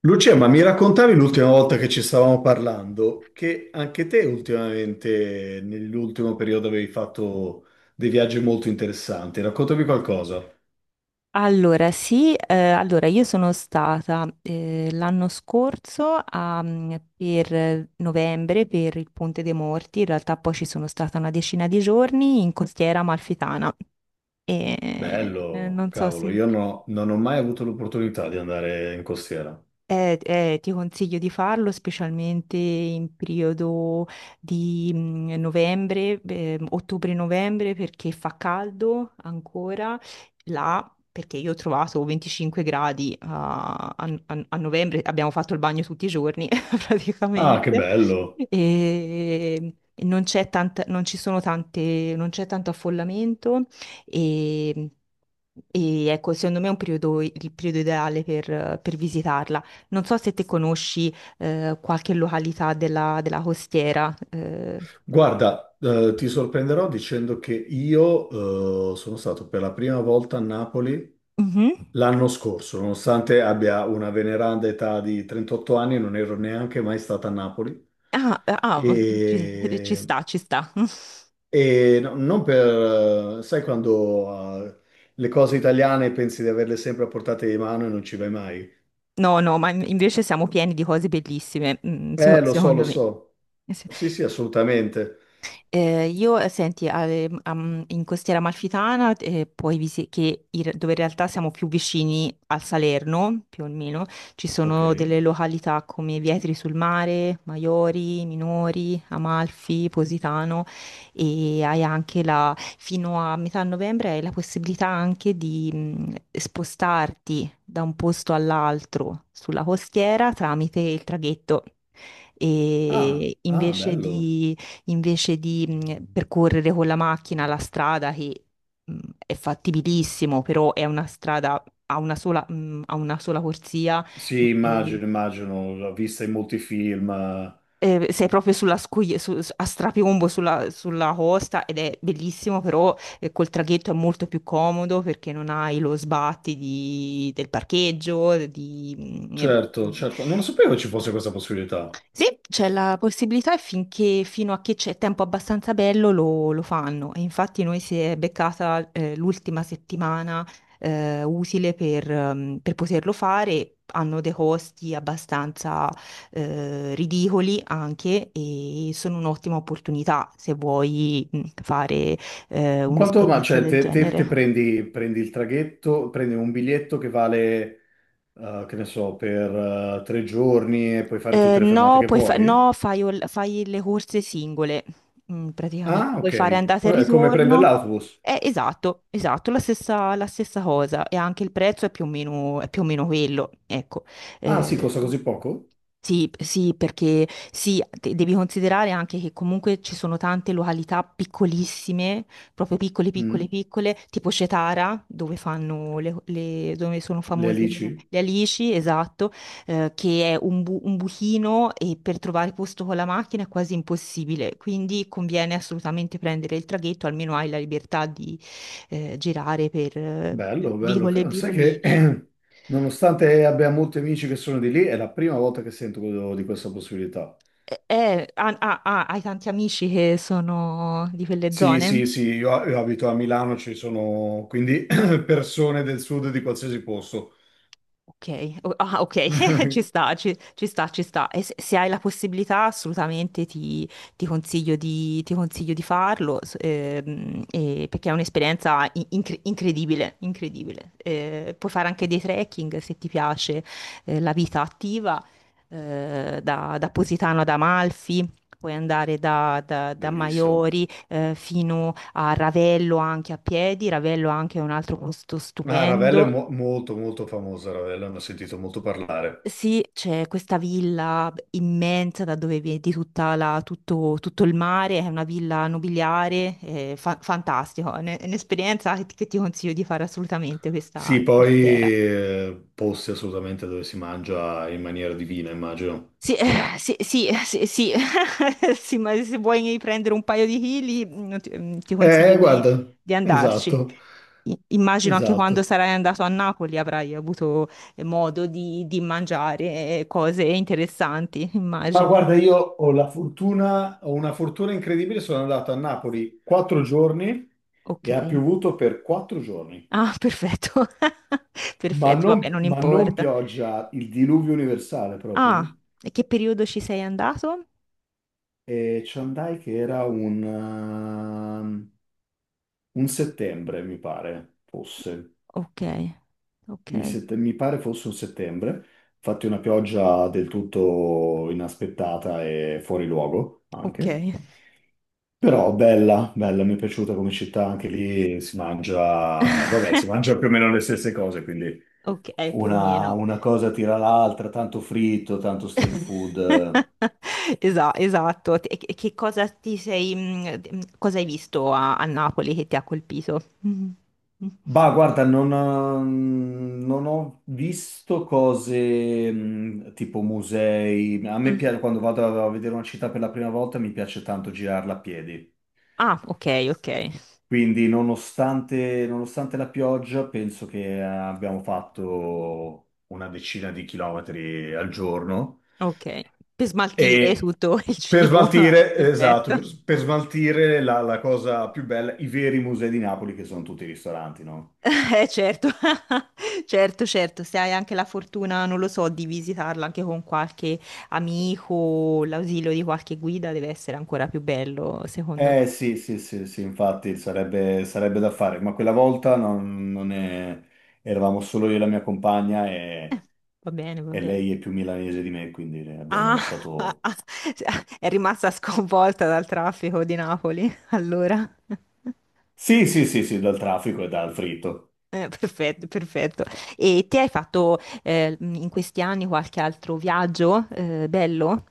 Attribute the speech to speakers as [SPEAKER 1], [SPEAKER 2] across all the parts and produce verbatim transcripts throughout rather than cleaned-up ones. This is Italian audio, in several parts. [SPEAKER 1] Lucia, ma mi raccontavi l'ultima volta che ci stavamo parlando che anche te ultimamente, nell'ultimo periodo, avevi fatto dei viaggi molto interessanti. Raccontami qualcosa.
[SPEAKER 2] Allora, sì, eh, allora io sono stata eh, l'anno scorso, a, mm, per eh, novembre, per il Ponte dei Morti. In realtà poi ci sono stata una decina di giorni in Costiera Amalfitana e eh,
[SPEAKER 1] Bello,
[SPEAKER 2] non so
[SPEAKER 1] cavolo,
[SPEAKER 2] se.
[SPEAKER 1] io no- non ho mai avuto l'opportunità di andare in costiera.
[SPEAKER 2] Eh, eh, ti consiglio di farlo specialmente in periodo di mm, novembre, eh, ottobre-novembre, perché fa caldo ancora là, perché io ho trovato venticinque gradi a, a- a- a novembre, abbiamo fatto il bagno tutti i giorni
[SPEAKER 1] Ah, che
[SPEAKER 2] praticamente.
[SPEAKER 1] bello.
[SPEAKER 2] E e non c'è tanta, non ci sono tante, non c'è tanto affollamento, e, e ecco, secondo me è un periodo, il periodo ideale per per visitarla. Non so se te conosci eh, qualche località della, della costiera. eh.
[SPEAKER 1] Guarda, eh, ti sorprenderò dicendo che io, eh, sono stato per la prima volta a Napoli
[SPEAKER 2] Mhm.
[SPEAKER 1] l'anno scorso, nonostante abbia una veneranda età di trentotto anni, non ero neanche mai stato a Napoli.
[SPEAKER 2] Ah, eh, ah, ci, ci
[SPEAKER 1] E,
[SPEAKER 2] sta, ci sta.
[SPEAKER 1] e no- Non per, sai quando eh, le cose italiane pensi di averle sempre a portata di mano e non ci vai mai?
[SPEAKER 2] No, no, ma in- invece siamo pieni di cose bellissime, mm, se-
[SPEAKER 1] Eh, lo so, lo
[SPEAKER 2] secondo me.
[SPEAKER 1] so. Sì, sì, assolutamente.
[SPEAKER 2] Eh, io, eh, senti, eh, am- in Costiera Amalfitana, eh, puoi visi- che in- dove in realtà siamo più vicini al Salerno, più o meno, ci
[SPEAKER 1] Ok.
[SPEAKER 2] sono delle località come Vietri sul Mare, Maiori, Minori, Amalfi, Positano. E hai anche la, fino a metà novembre hai la possibilità anche di mh, spostarti da un posto all'altro sulla costiera tramite il traghetto.
[SPEAKER 1] Ah,
[SPEAKER 2] E
[SPEAKER 1] ah,
[SPEAKER 2] invece
[SPEAKER 1] bello.
[SPEAKER 2] di Invece di mh, percorrere con la macchina la strada che mh, è fattibilissimo, però è una strada a una sola, mh, a una sola corsia,
[SPEAKER 1] Sì,
[SPEAKER 2] e-
[SPEAKER 1] immagino, immagino, l'ho vista in molti film. Eh.
[SPEAKER 2] e sei proprio sulla scogli- su- su- a strapiombo sulla, sulla costa, ed è bellissimo, però eh, col traghetto è molto più comodo, perché non hai lo sbatti di- del parcheggio, di... mh,
[SPEAKER 1] Certo,
[SPEAKER 2] di-
[SPEAKER 1] certo. Non sapevo ci fosse questa possibilità.
[SPEAKER 2] Sì, c'è la possibilità e finché, fino a che c'è tempo abbastanza bello lo, lo fanno. E infatti noi si è beccata eh, l'ultima settimana eh, utile per, ehm, per poterlo fare. Hanno dei costi abbastanza eh, ridicoli anche, e sono un'ottima opportunità se vuoi mh, fare eh,
[SPEAKER 1] Quanto, ma
[SPEAKER 2] un'esperienza
[SPEAKER 1] cioè,
[SPEAKER 2] del
[SPEAKER 1] te, te- te
[SPEAKER 2] genere.
[SPEAKER 1] prendi, prendi il traghetto, prendi un biglietto che vale... eh, che ne so, per eh, tre giorni e puoi fare
[SPEAKER 2] Eh,
[SPEAKER 1] tutte le fermate
[SPEAKER 2] no,
[SPEAKER 1] che
[SPEAKER 2] puoi fa-
[SPEAKER 1] puoi?
[SPEAKER 2] no, fai, ol- fai le corse singole, mm, praticamente.
[SPEAKER 1] Ah,
[SPEAKER 2] Puoi fare
[SPEAKER 1] ok.
[SPEAKER 2] andata e
[SPEAKER 1] Vabbè, è come prendere
[SPEAKER 2] ritorno.
[SPEAKER 1] l'autobus.
[SPEAKER 2] Eh, esatto, esatto, la stessa, la stessa cosa. E anche il prezzo è più o meno, è più o meno quello. Ecco.
[SPEAKER 1] Ah, sì,
[SPEAKER 2] Eh,
[SPEAKER 1] costa così poco?
[SPEAKER 2] sì, sì, perché sì, de- devi considerare anche che comunque ci sono tante località piccolissime, proprio piccole, piccole,
[SPEAKER 1] Mm,
[SPEAKER 2] piccole, tipo Cetara, dove fanno le, le- dove sono
[SPEAKER 1] Le
[SPEAKER 2] famose le,
[SPEAKER 1] alici?
[SPEAKER 2] le alici, esatto, eh, che è un, bu- un buchino, e per trovare posto con la macchina è quasi impossibile, quindi conviene assolutamente prendere il traghetto, almeno hai la libertà di eh, girare per eh, vi-
[SPEAKER 1] Bello, bello.
[SPEAKER 2] vicole e
[SPEAKER 1] Ca- Sai che
[SPEAKER 2] vicolini.
[SPEAKER 1] nonostante abbia molti amici che sono di lì, è la prima volta che sento quello- di questa possibilità.
[SPEAKER 2] Eh, eh, ah, ah, ah, hai tanti amici che sono di quelle
[SPEAKER 1] Sì,
[SPEAKER 2] zone?
[SPEAKER 1] sì, sì, io, io abito a Milano, ci sono quindi persone del sud di qualsiasi posto.
[SPEAKER 2] Ok, o- ah, ok, ci sta, ci, ci sta, ci sta. E se, se hai la possibilità, assolutamente ti, ti consiglio di, ti consiglio di farlo, s- ehm, e- perché è un'esperienza in- incre- incredibile, incredibile. Eh, puoi fare anche dei trekking se ti piace, eh, la vita attiva, eh, da, da Positano ad Amalfi. Puoi andare da, da- da
[SPEAKER 1] Bellissimo.
[SPEAKER 2] Maiori eh, fino a Ravello, anche a piedi. Ravello anche è un altro posto
[SPEAKER 1] Ah, Ravello è
[SPEAKER 2] stupendo.
[SPEAKER 1] mo- molto, molto famosa, Ravello, ne ho sentito molto parlare.
[SPEAKER 2] Sì, c'è questa villa immensa da dove vedi tutta la- tutto, tutto il mare, è una villa nobiliare, è fa- fantastico, è un- è un'esperienza che ti, che ti consiglio di fare assolutamente, questa
[SPEAKER 1] Sì,
[SPEAKER 2] in
[SPEAKER 1] poi
[SPEAKER 2] costiera.
[SPEAKER 1] eh, posti assolutamente dove si mangia in maniera divina, immagino.
[SPEAKER 2] Sì, eh, sì, sì, sì, sì. Sì, ma se vuoi prendere un paio di chili, mm, ti, mm, ti consiglio
[SPEAKER 1] Eh,
[SPEAKER 2] di,
[SPEAKER 1] guarda,
[SPEAKER 2] di andarci.
[SPEAKER 1] esatto,
[SPEAKER 2] I- Immagino anche, quando
[SPEAKER 1] esatto.
[SPEAKER 2] sarai andato a Napoli, avrai avuto eh, modo di, di mangiare eh, cose interessanti,
[SPEAKER 1] Ma
[SPEAKER 2] immagino.
[SPEAKER 1] guarda, io ho la fortuna, ho una fortuna incredibile, sono andato a Napoli quattro giorni
[SPEAKER 2] Ok.
[SPEAKER 1] e ha piovuto per quattro giorni.
[SPEAKER 2] Ah, perfetto.
[SPEAKER 1] Ma
[SPEAKER 2] Perfetto, vabbè,
[SPEAKER 1] non,
[SPEAKER 2] non
[SPEAKER 1] ma non
[SPEAKER 2] importa.
[SPEAKER 1] pioggia, il diluvio universale
[SPEAKER 2] Ah,
[SPEAKER 1] proprio.
[SPEAKER 2] e che periodo ci sei andato?
[SPEAKER 1] Eh. E ci andai che era un, ehm, un settembre, mi pare, fosse.
[SPEAKER 2] Ok, ok,
[SPEAKER 1] Mi, sette- mi pare fosse un settembre, infatti una pioggia del tutto inaspettata e fuori luogo
[SPEAKER 2] ok,
[SPEAKER 1] anche. Però bella, bella, mi è piaciuta come città, anche lì si mangia, vabbè, si mangia più o meno le stesse cose, quindi
[SPEAKER 2] ok, più o
[SPEAKER 1] una,
[SPEAKER 2] meno.
[SPEAKER 1] una cosa tira l'altra, tanto fritto, tanto street food.
[SPEAKER 2] Esa- esatto. E che che cosa ti sei, mm, d- mm, cosa hai visto a, a Napoli che ti ha colpito? Mhm.
[SPEAKER 1] Bah, guarda, non, eh, non ho visto cose mh, tipo musei. A me
[SPEAKER 2] Mm.
[SPEAKER 1] piace, quando vado a vedere una città per la prima volta, mi piace tanto girarla a piedi.
[SPEAKER 2] Ah, ok, ok,
[SPEAKER 1] Quindi, nonostante, nonostante la pioggia, penso che abbiamo fatto una decina di chilometri al giorno.
[SPEAKER 2] ok. Per smaltire
[SPEAKER 1] E
[SPEAKER 2] tutto il
[SPEAKER 1] per
[SPEAKER 2] cibo. Ah,
[SPEAKER 1] smaltire,
[SPEAKER 2] perfetto.
[SPEAKER 1] esatto, per smaltire la, la cosa più bella, i veri musei di Napoli, che sono tutti i ristoranti, no?
[SPEAKER 2] Eh certo, certo, certo, se hai anche la fortuna, non lo so, di visitarla anche con qualche amico, o l'ausilio di qualche guida, deve essere ancora più bello, secondo me.
[SPEAKER 1] Eh sì, sì, sì, sì, infatti sarebbe, sarebbe da fare, ma quella volta non, non è- eravamo solo io e la mia compagna
[SPEAKER 2] Eh,
[SPEAKER 1] e,
[SPEAKER 2] Va bene, va
[SPEAKER 1] e
[SPEAKER 2] bene.
[SPEAKER 1] lei è più milanese di me, quindi abbiamo
[SPEAKER 2] Ah, ah,
[SPEAKER 1] lasciato.
[SPEAKER 2] ah, è rimasta sconvolta dal traffico di Napoli, allora.
[SPEAKER 1] Sì, sì, sì, sì, dal traffico e dal fritto.
[SPEAKER 2] Eh, perfetto, perfetto. E ti hai fatto eh, in questi anni qualche altro viaggio eh, bello?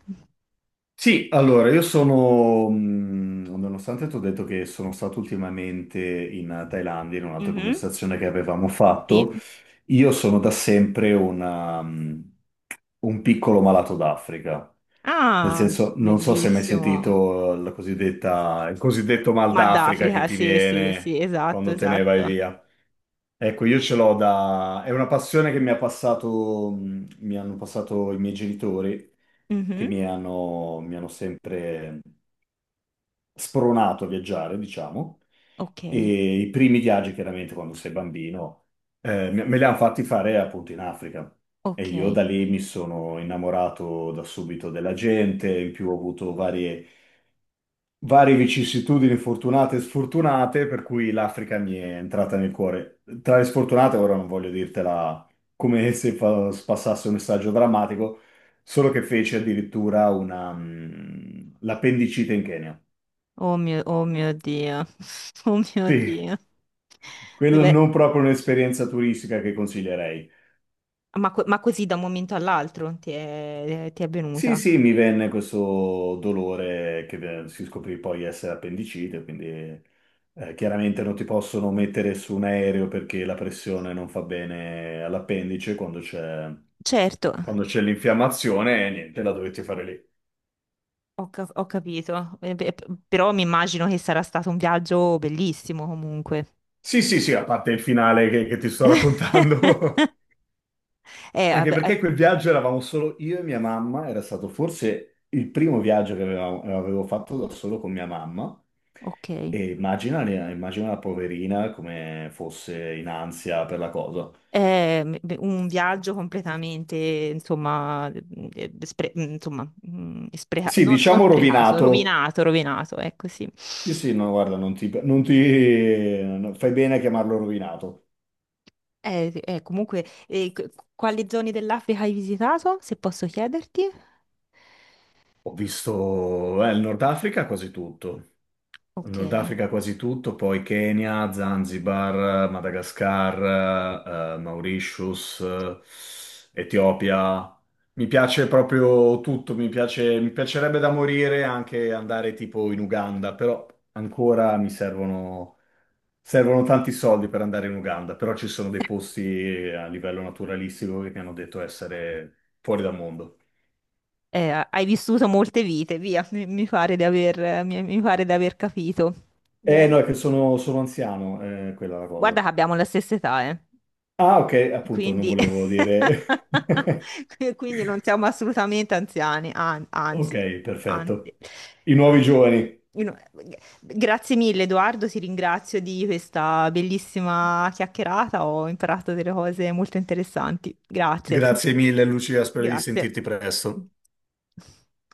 [SPEAKER 1] Sì, allora, io sono, mh, nonostante ti ho detto che sono stato ultimamente in Thailandia, in un'altra
[SPEAKER 2] Mhm,
[SPEAKER 1] conversazione che avevamo fatto,
[SPEAKER 2] sì.
[SPEAKER 1] io sono da sempre una, mh, un piccolo malato d'Africa. Nel
[SPEAKER 2] Ah,
[SPEAKER 1] senso, non so se hai mai
[SPEAKER 2] bellissimo.
[SPEAKER 1] sentito la cosiddetta, il cosiddetto mal
[SPEAKER 2] Mal
[SPEAKER 1] d'Africa che
[SPEAKER 2] d'Africa,
[SPEAKER 1] ti
[SPEAKER 2] sì, sì, sì,
[SPEAKER 1] viene
[SPEAKER 2] esatto,
[SPEAKER 1] quando te ne vai
[SPEAKER 2] esatto.
[SPEAKER 1] via. Ecco, io ce l'ho da... È una passione che mi ha passato, mh, mi hanno passato i miei genitori, che
[SPEAKER 2] Mhm.
[SPEAKER 1] mi hanno, mi hanno sempre spronato a viaggiare, diciamo.
[SPEAKER 2] Ok,
[SPEAKER 1] E i primi viaggi, chiaramente, quando sei bambino, eh, me me li hanno fatti fare appunto in Africa. E io
[SPEAKER 2] ok.
[SPEAKER 1] da lì mi sono innamorato da subito della gente, in più ho avuto varie varie vicissitudini fortunate e sfortunate, per cui l'Africa mi è entrata nel cuore. Tra le sfortunate, ora non voglio dirtela come se fa- passasse un messaggio drammatico, solo che fece addirittura una, mm, l'appendicite in Kenya.
[SPEAKER 2] Oh mio, oh mio Dio, oh mio
[SPEAKER 1] Sì,
[SPEAKER 2] Dio.
[SPEAKER 1] quello
[SPEAKER 2] Dove-
[SPEAKER 1] non proprio un'esperienza turistica che consiglierei.
[SPEAKER 2] ma, co- ma così da un momento all'altro ti è, ti è
[SPEAKER 1] Sì,
[SPEAKER 2] venuta?
[SPEAKER 1] sì, mi venne questo dolore che eh, si scoprì poi essere appendicite, quindi eh, chiaramente non ti possono mettere su un aereo perché la pressione non fa bene all'appendice quando c'è
[SPEAKER 2] Certo,
[SPEAKER 1] quando c'è l'infiammazione e niente, la dovete fare lì.
[SPEAKER 2] ho, ca- ho capito. Eh, beh, p- però mi immagino che sarà stato un viaggio bellissimo comunque.
[SPEAKER 1] Sì, sì, sì, a parte il finale che, che ti sto raccontando.
[SPEAKER 2] Eh,
[SPEAKER 1] Anche
[SPEAKER 2] vabbè, eh,
[SPEAKER 1] perché quel viaggio eravamo solo io e mia mamma, era stato forse il primo viaggio che avevamo- avevo fatto da solo con mia mamma.
[SPEAKER 2] ok.
[SPEAKER 1] E immagina, immagina la poverina come fosse in ansia per la cosa.
[SPEAKER 2] È m- beh, un viaggio completamente, insomma, mm, eh, spre- mm, insomma, mm, spreca-
[SPEAKER 1] Sì,
[SPEAKER 2] non, non
[SPEAKER 1] diciamo
[SPEAKER 2] sprecato,
[SPEAKER 1] rovinato.
[SPEAKER 2] rovinato, rovinato, ecco sì.
[SPEAKER 1] Sì, sì, no, guarda, non ti, non ti- no, fai bene a chiamarlo rovinato.
[SPEAKER 2] Eh, sì, eh, comunque, eh, c- quali zone dell'Africa hai visitato, se posso chiederti?
[SPEAKER 1] Ho visto, eh, il Nord Africa quasi tutto.
[SPEAKER 2] Ok.
[SPEAKER 1] Nord Africa quasi tutto, poi Kenya, Zanzibar, Madagascar, eh, Mauritius, eh, Etiopia. Mi piace proprio tutto, mi piace- mi piacerebbe da morire anche andare tipo in Uganda, però ancora mi servono, servono tanti soldi per andare in Uganda, però ci sono dei posti a livello naturalistico che mi hanno detto essere fuori dal mondo.
[SPEAKER 2] Eh, hai vissuto molte vite, via, mi, mi pare di aver, mi mi pare di aver capito.
[SPEAKER 1] Eh no,
[SPEAKER 2] Bene.
[SPEAKER 1] è che sono, sono anziano, eh, quella è la
[SPEAKER 2] Guarda
[SPEAKER 1] cosa.
[SPEAKER 2] che abbiamo la stessa età, eh.
[SPEAKER 1] Ah, ok, appunto, non
[SPEAKER 2] Quindi,
[SPEAKER 1] volevo dire.
[SPEAKER 2] quindi non siamo assolutamente anziani, an-
[SPEAKER 1] Ok,
[SPEAKER 2] anzi, anzi,
[SPEAKER 1] perfetto. I nuovi
[SPEAKER 2] anzi.
[SPEAKER 1] giovani.
[SPEAKER 2] Io no- Grazie mille, Edoardo, ti ringrazio di questa bellissima chiacchierata. Ho imparato delle cose molto interessanti. Grazie,
[SPEAKER 1] Grazie mille, Lucia, spero di
[SPEAKER 2] grazie.
[SPEAKER 1] sentirti presto.